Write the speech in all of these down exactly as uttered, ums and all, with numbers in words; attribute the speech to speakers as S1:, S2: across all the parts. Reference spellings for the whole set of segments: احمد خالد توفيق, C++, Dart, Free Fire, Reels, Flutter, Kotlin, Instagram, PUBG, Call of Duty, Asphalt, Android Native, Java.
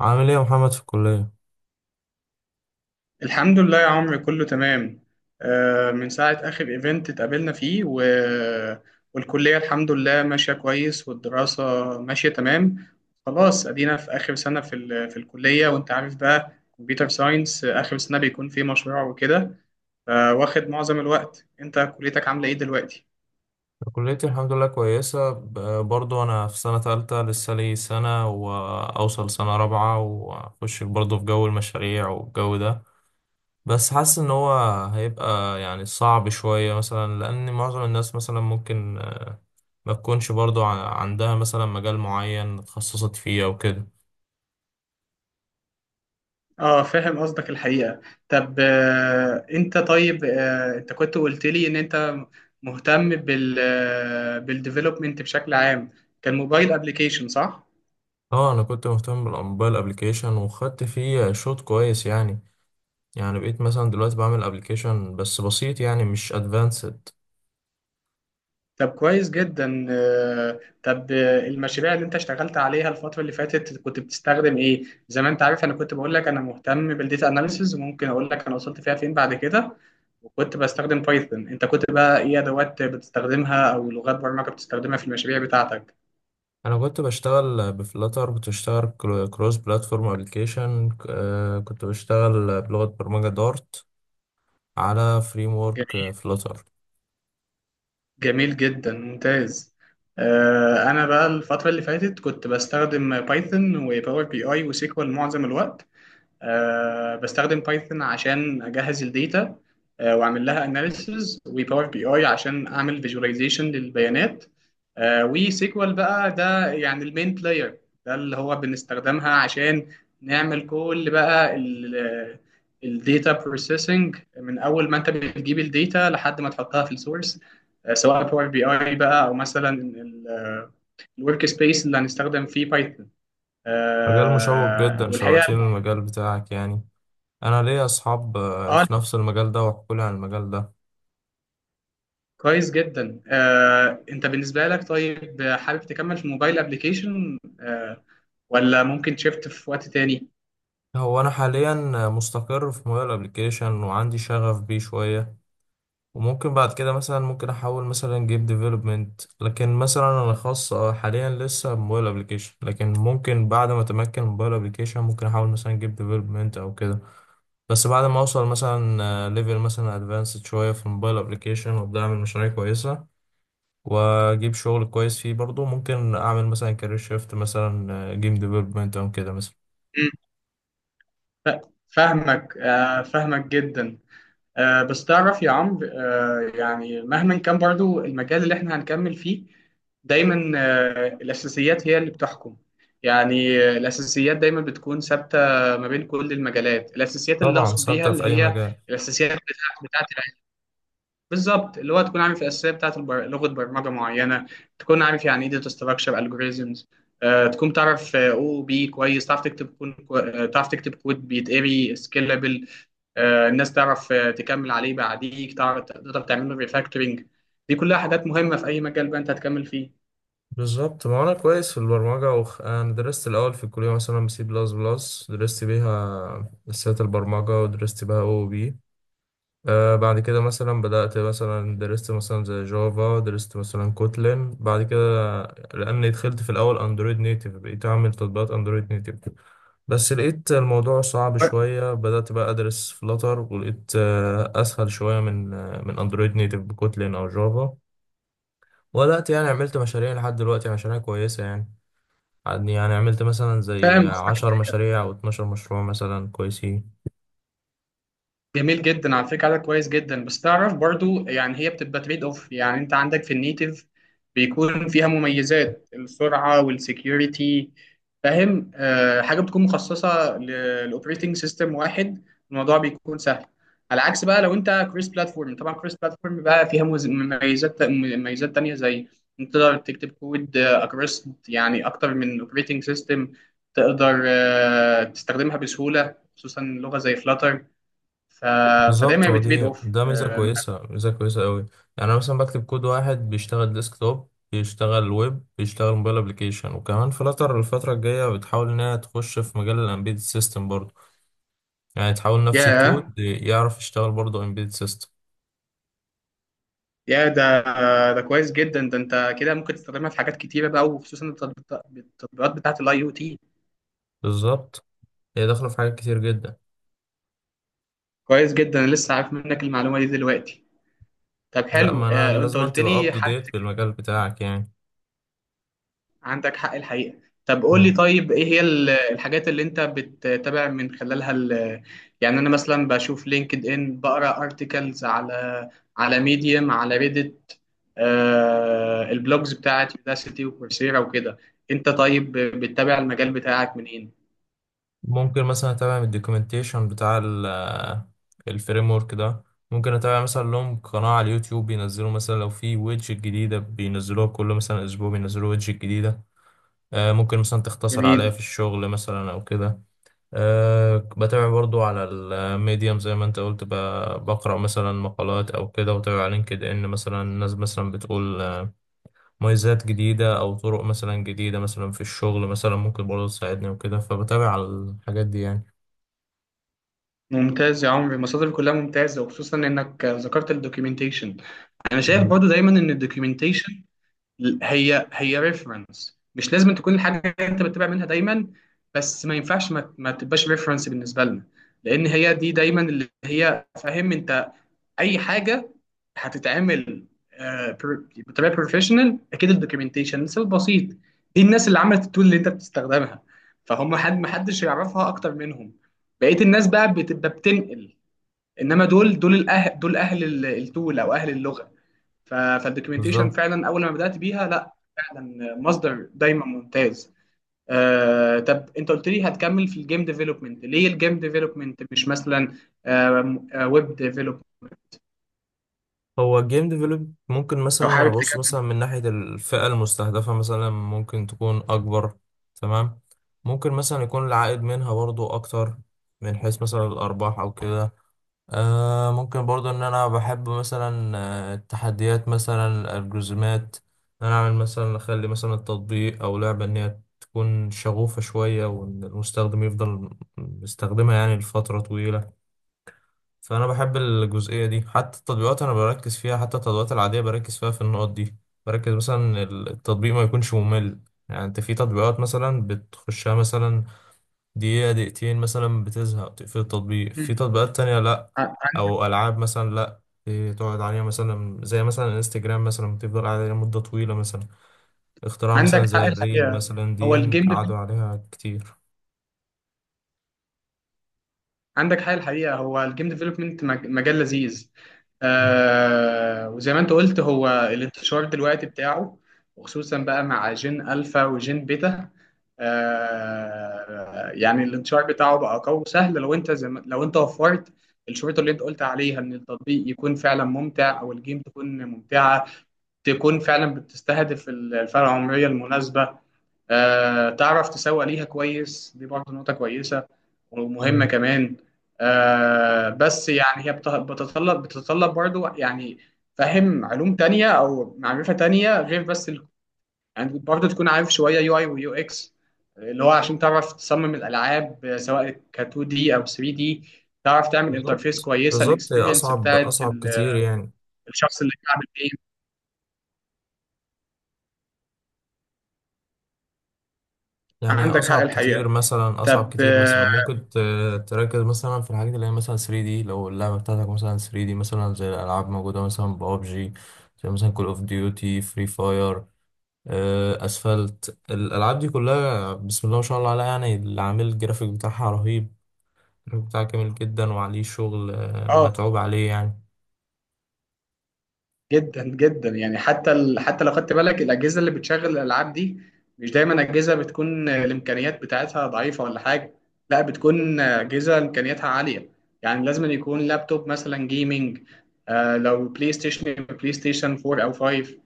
S1: عامل ايه يا محمد في الكلية؟
S2: الحمد لله يا عمرو كله تمام. آه، من ساعة آخر إيفنت اتقابلنا فيه و... والكلية الحمد لله ماشية كويس، والدراسة ماشية تمام. خلاص أدينا في آخر سنة في, ال... في الكلية، وأنت عارف بقى، كمبيوتر ساينس آخر سنة بيكون فيه مشروع وكده. آه، واخد معظم الوقت. أنت كليتك عاملة إيه دلوقتي؟
S1: كليتي الحمد لله كويسة ب- برضو أنا في سنة تالتة لسه لي سنة وأوصل سنة رابعة وأخش برضو في جو المشاريع والجو ده. بس حاسس إن هو هيبقى يعني صعب شوية مثلا، لأن معظم الناس مثلا ممكن آه، ما تكونش برضو ع- عندها مثلا مجال معين اتخصصت فيه أو كده.
S2: اه، فاهم قصدك الحقيقة. طب آه انت طيب آه انت كنت قلت لي ان انت مهتم بال آه بالديفلوبمنت بشكل عام، كان موبايل ابلكيشن صح؟
S1: اه، أنا كنت مهتم بالموبايل أبليكيشن وخدت فيه شوط كويس يعني. يعني بقيت مثلا دلوقتي بعمل أبليكيشن بس بسيط، يعني مش أدفانسد.
S2: طب كويس جدا. آه طب آه المشاريع اللي انت اشتغلت عليها الفترة اللي فاتت كنت بتستخدم ايه؟ زي ما انت عارف انا كنت بقول لك انا مهتم بالديتا اناليسز، وممكن اقول لك انا وصلت فيها فين بعد كده، وكنت بستخدم بايثون. انت كنت بقى ايه ادوات بتستخدمها او لغات برمجة بتستخدمها في المشاريع بتاعتك؟
S1: انا كنت بشتغل بفلاتر، كنت بشتغل كرو- كروس بلاتفورم ابلكيشن، آه، كنت بشتغل بلغة برمجة دارت على فريم ورك فلاتر.
S2: جميل جدا، ممتاز. آه، انا بقى الفتره اللي فاتت كنت بستخدم بايثون وباور بي اي وسيكوال معظم الوقت. آه، بستخدم بايثون عشان اجهز الداتا، آه، واعمل لها اناليسز، وباور بي اي عشان اعمل فيجواليزيشن للبيانات، وسيكوال بقى ده يعني المين بلاير، ده اللي هو بنستخدمها عشان نعمل كل بقى الداتا بروسيسنج من اول ما انت بتجيب الداتا لحد ما تحطها في السورس، سواء باور بي اي بقى او مثلا الورك سبيس اللي هنستخدم فيه بايثون.
S1: مجال مشوق
S2: آه،
S1: جدا،
S2: والحقيقه
S1: شوقتني المجال بتاعك يعني. انا ليا اصحاب آه،
S2: اه
S1: في نفس المجال ده وحكوا لي عن المجال ده.
S2: كويس جدا. آه، انت بالنسبه لك طيب حابب تكمل في موبايل ابلكيشن، آه، ولا ممكن تشفت في وقت تاني.
S1: هو انا حاليا مستقر في موبايل ابلكيشن وعندي شغف بيه شوية، وممكن بعد كده مثلا ممكن احول مثلا جيم ديفلوبمنت. لكن مثلا انا خاص آه، حاليا لسه موبايل ابلكيشن، لكن ممكن بعد ما اتمكن موبايل ابلكيشن ممكن احول مثلا جيم ديفلوبمنت او كده. بس بعد ما اوصل مثلا ليفل مثلا ادفانسد شويه في الموبايل ابلكيشن وابدا اعمل مشاريع كويسه واجيب شغل كويس فيه، برضه ممكن اعمل مثلا كارير شيفت مثلا جيم ديفلوبمنت او كده مثلا.
S2: مم. ف- فاهمك، آه، فاهمك جدا. آه، بس تعرف يا عمرو، آه، يعني مهما كان برضو المجال اللي احنا هنكمل فيه، دايما آه، الاساسيات هي اللي بتحكم. يعني آه، الاساسيات دايما بتكون ثابته ما بين كل المجالات. الاساسيات اللي
S1: طبعا
S2: اقصد بيها
S1: ثابته
S2: اللي
S1: في اي
S2: هي
S1: مجال.
S2: الاساسيات بتاعت، بالظبط اللي هو تكون عارف الاساسيات بتاعت البر... لغه برمجه معينه، تكون عارف يعني ايه داتا ستراكشر الجوريزمز، تكون تعرف او بي كويس، تعرف تكتب كود كو... آه، تعرف تكتب كود بيتقري سكيلابل، الناس تعرف آه، تكمل عليه بعديك، تعرف تقدر تعمل له ريفاكتورنج. دي كلها حاجات مهمه في اي مجال بقى انت هتكمل فيه.
S1: بالظبط، ما انا كويس في البرمجه وخ... انا درست الاول في الكليه مثلا سي بلس بلس، درست بيها اساسيات البرمجه ودرست بيها او بي. آه بعد كده مثلا بدات مثلا درست مثلا زي جافا، درست مثلا كوتلين بعد كده، لاني دخلت في الاول اندرويد نيتف، بقيت اعمل تطبيقات اندرويد نيتف. بس لقيت الموضوع صعب شويه، بدات بقى ادرس فلاتر ولقيت آه اسهل شويه من آه من اندرويد نيتف بكوتلين او جافا. وبدات يعني عملت مشاريع لحد دلوقتي مشاريع كويسه يعني. يعني عملت مثلا
S2: فاهم.
S1: زي عشر مشاريع أو اتناشر مشروع مثلا كويسين.
S2: جميل جدا، على فكرة عدد كويس جدا. بس تعرف برضو يعني هي بتبقى تريد اوف. يعني انت عندك في النيتيف بيكون فيها مميزات السرعة والسكيورتي، فاهم، آه حاجة بتكون مخصصة للاوبريتنج سيستم واحد، الموضوع بيكون سهل. على عكس بقى لو انت كروس بلاتفورم. طبعا كروس بلاتفورم بقى فيها مز- مميزات مميزات تانية، زي انت تقدر تكتب كود اكروس، يعني اكتر من اوبريتنج سيستم، تقدر آه تستخدمها بسهولة، خصوصا لغة زي فلاتر. ف...
S1: بالظبط،
S2: فدايما
S1: هو
S2: بتبيد
S1: دي
S2: اوف.
S1: ده ميزة
S2: آم،
S1: كويسة، ميزة كويسة أوي. يعني أنا مثلا بكتب كود واحد بيشتغل ديسكتوب، بيشتغل ويب، بيشتغل موبايل أبليكيشن، وكمان فلاتر الفترة الجاية بتحاول إنها تخش في مجال الأمبيد سيستم برضه. يعني تحاول نفس
S2: يا
S1: الكود يعرف يشتغل برضه أمبيد سيستم.
S2: يا ده، ده كويس جدا. ده انت كده ممكن تستخدمها في حاجات كتيره بقى، وخصوصا التطبيق- التطبيقات بتاعه الاي او تي.
S1: بالظبط، هي داخلة في حاجات كتير جدا.
S2: كويس جدا، أنا لسه عارف منك المعلومه دي دلوقتي. طب
S1: لا،
S2: حلو،
S1: ما أنا
S2: آه، انت
S1: لازم
S2: قلت
S1: تبقى أب
S2: لي
S1: تو
S2: حاجه.
S1: ديت بالمجال بتاعك يعني.
S2: عندك حق الحقيقة. طب قول لي طيب ايه هي ال- الحاجات اللي انت بتتابع من خلالها ال- يعني انا مثلا بشوف لينكد ان، بقرا ارتكلز على على ميديم، على ريدت، آه البلوجز بتاعت يوداسيتي وكورسيرا وكده. انت طيب بتتابع المجال بتاعك منين؟
S1: ممكن مثلا اتابع من الدوكيومنتيشن بتاع ال- الفريم ورك ده. ممكن اتابع مثلا لهم قناة على اليوتيوب، بينزلوا مثلا لو في ويدج جديدة بينزلوها، كل مثلا اسبوع بينزلوا ويدج جديدة. آه، ممكن مثلا تختصر عليا
S2: جميل.
S1: في الشغل مثلا او كده. آه، بتابع برضو على الميديم زي ما انت قلت، ب- بقرأ مثلا مقالات او كده، وتابع على لينكد ان مثلا الناس مثلا بتقول آه، مميزات جديدة او طرق مثلا جديدة مثلا في الشغل مثلا ممكن برضو تساعدني وكده، فبتابع على الحاجات دي
S2: ممتاز يا عمري، المصادر كلها ممتازة، وخصوصا انك ذكرت الدوكيومنتيشن. انا شايف
S1: يعني.
S2: برضو دايما ان الدوكيومنتيشن هي هي ريفرنس، مش لازم تكون الحاجه اللي انت بتتابع منها دايما، بس ما ينفعش ما, ما تبقاش ريفرنس بالنسبه لنا، لان هي دي دايما اللي هي، فاهم انت، اي حاجه هتتعمل آه، بر- بطريقه بروفيشنال، اكيد الدوكيومنتيشن لسبب بسيط، دي الناس اللي عملت التول اللي انت بتستخدمها، فهم حد ما حدش يعرفها اكتر منهم. بقيه الناس بقى بتبقى بتنقل، انما دول دول الاهل، دول اهل ال- التول او اهل اللغه. ف- فالدوكيومنتيشن
S1: بالظبط،
S2: فعلا اول ما بدات بيها لا، فعلا مصدر دايما ممتاز. آه، طب انت قلت لي هتكمل في الجيم ديفلوبمنت، ليه الجيم ديفلوبمنت مش مثلا ويب ديفلوبمنت
S1: هو الجيم ديفلوب ممكن
S2: او
S1: مثلا
S2: حابب
S1: ابص
S2: تكمل؟
S1: مثلا من ناحية الفئة المستهدفة مثلا ممكن تكون اكبر. تمام. ممكن مثلا يكون العائد منها برضو اكتر، من حيث مثلا الارباح او كده. آه ممكن برضو ان انا بحب مثلا آه، التحديات مثلا الجزمات، ان انا اعمل مثلا اخلي مثلا التطبيق او لعبة ان هي تكون شغوفة شوية، وان المستخدم يفضل مستخدمها يعني لفترة طويلة. فانا بحب الجزئيه دي، حتى التطبيقات انا بركز فيها، حتى التطبيقات العاديه بركز فيها في النقط دي. بركز مثلا التطبيق ما يكونش ممل. يعني انت في تطبيقات مثلا بتخشها مثلا دقيقه دقيقتين مثلا بتزهق تقفل التطبيق،
S2: مم.
S1: في تطبيقات تانية لا.
S2: ع- عن-
S1: او العاب مثلا لا، تقعد عليها مثلا زي مثلا الانستجرام مثلا بتفضل قاعد عليها مده طويله مثلا. اختراع
S2: عندك
S1: مثلا
S2: حق
S1: زي الريل
S2: الحقيقه.
S1: مثلا
S2: هو
S1: دي
S2: الجيم
S1: قعدوا عليها كتير.
S2: عندك حاجة الحقيقة، هو الجيم ديفلوبمنت مجال لذيذ. آه وزي ما انت قلت هو الانتشار دلوقتي بتاعه، وخصوصا بقى مع جين ألفا وجين بيتا، آه يعني الانتشار بتاعه بقى قوي وسهل. لو انت زي ما لو انت وفرت الشروط اللي انت قلت عليها، ان التطبيق يكون فعلا ممتع او الجيم تكون ممتعة، تكون فعلا بتستهدف الفئة العمرية المناسبة، آه، تعرف تسوق ليها كويس، دي برضه نقطة كويسة ومهمة
S1: مم.
S2: كمان. آه، بس يعني هي بت- بتتطلب بتتطلب برضه يعني فهم علوم تانية أو معرفة تانية، غير بس ال... يعني برضه تكون عارف شوية يو اي ويو اكس، اللي هو عشان تعرف تصمم الألعاب، آه، سواء ك اتنين دي أو تلاتة دي، تعرف تعمل انترفيس
S1: بالظبط
S2: كويسة،
S1: بالظبط، هي
S2: الاكسبيرينس
S1: اصعب
S2: بتاعت
S1: اصعب
S2: ال-
S1: كتير يعني.
S2: الشخص اللي بيلعب الجيم.
S1: يعني هي
S2: عندك حق
S1: اصعب كتير
S2: الحقيقة.
S1: مثلا، اصعب
S2: طب
S1: كتير مثلا
S2: اه،
S1: ممكن ت- تركز مثلا في الحاجات اللي هي مثلا ثري دي، لو اللعبه بتاعتك مثلا ثري دي مثلا زي الالعاب موجوده مثلا بابجي، زي مثلا كول اوف ديوتي، فري فاير، اسفلت، الالعاب دي كلها بسم الله ما شاء الله عليها يعني، اللي عامل الجرافيك بتاعها رهيب. الجرافيك بتاعها جميل جدا وعليه شغل آه،
S2: آه،
S1: متعوب عليه يعني.
S2: جدا جدا، يعني حتى ال... حتى لو خدت بالك الاجهزه اللي بتشغل الالعاب دي، مش دايما اجهزه بتكون الامكانيات بتاعتها ضعيفه ولا حاجه، لا بتكون اجهزه امكانياتها عاليه. يعني لازم أن يكون لابتوب مثلا جيمنج، آه لو بلاي ستيشن، بلاي ستيشن اربعة او خمسة.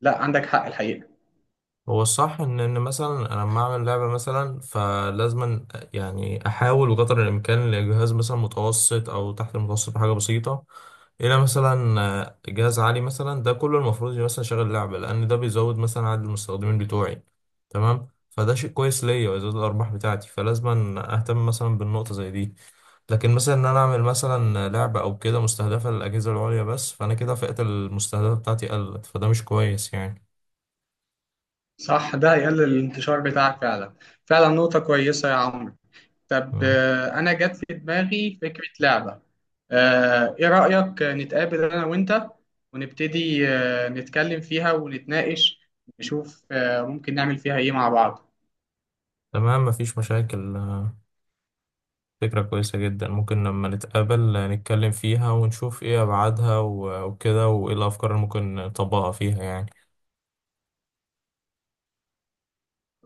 S2: لا عندك حق الحقيقه.
S1: هو الصح ان ان مثلا انا لما اعمل لعبه مثلا فلازم يعني احاول بقدر الامكان لجهاز مثلا متوسط او تحت المتوسط بحاجه بسيطه، الى مثلا آه، جهاز عالي مثلا، ده كله المفروض مثلا شغل لعبه، لان ده بيزود مثلا عدد المستخدمين بتوعي. تمام، فده شيء كويس ليا ويزود الارباح بتاعتي، فلازم اهتم مثلا بالنقطه زي دي. لكن مثلا ان انا اعمل مثلا لعبه او كده مستهدفه للاجهزه العليا بس، فانا كده فئه المستهدفه بتاعتي قلت، فده مش كويس يعني.
S2: صح، ده هيقلل الانتشار بتاعك فعلا. فعلا نقطه كويسه يا عمرو. طب آه انا جت في دماغي فكره لعبه، آه، إيه رأيك نتقابل أنا وأنت، ونبتدي آه، نتكلم فيها ونتناقش، نشوف آه، ممكن نعمل فيها إيه مع بعض؟
S1: تمام، مفيش مشاكل. آه، فكرة كويسة جدا. ممكن لما نتقابل آه، نتكلم فيها ونشوف ايه أبعادها و- وكده، وايه الأفكار اللي ممكن نطبقها فيها يعني.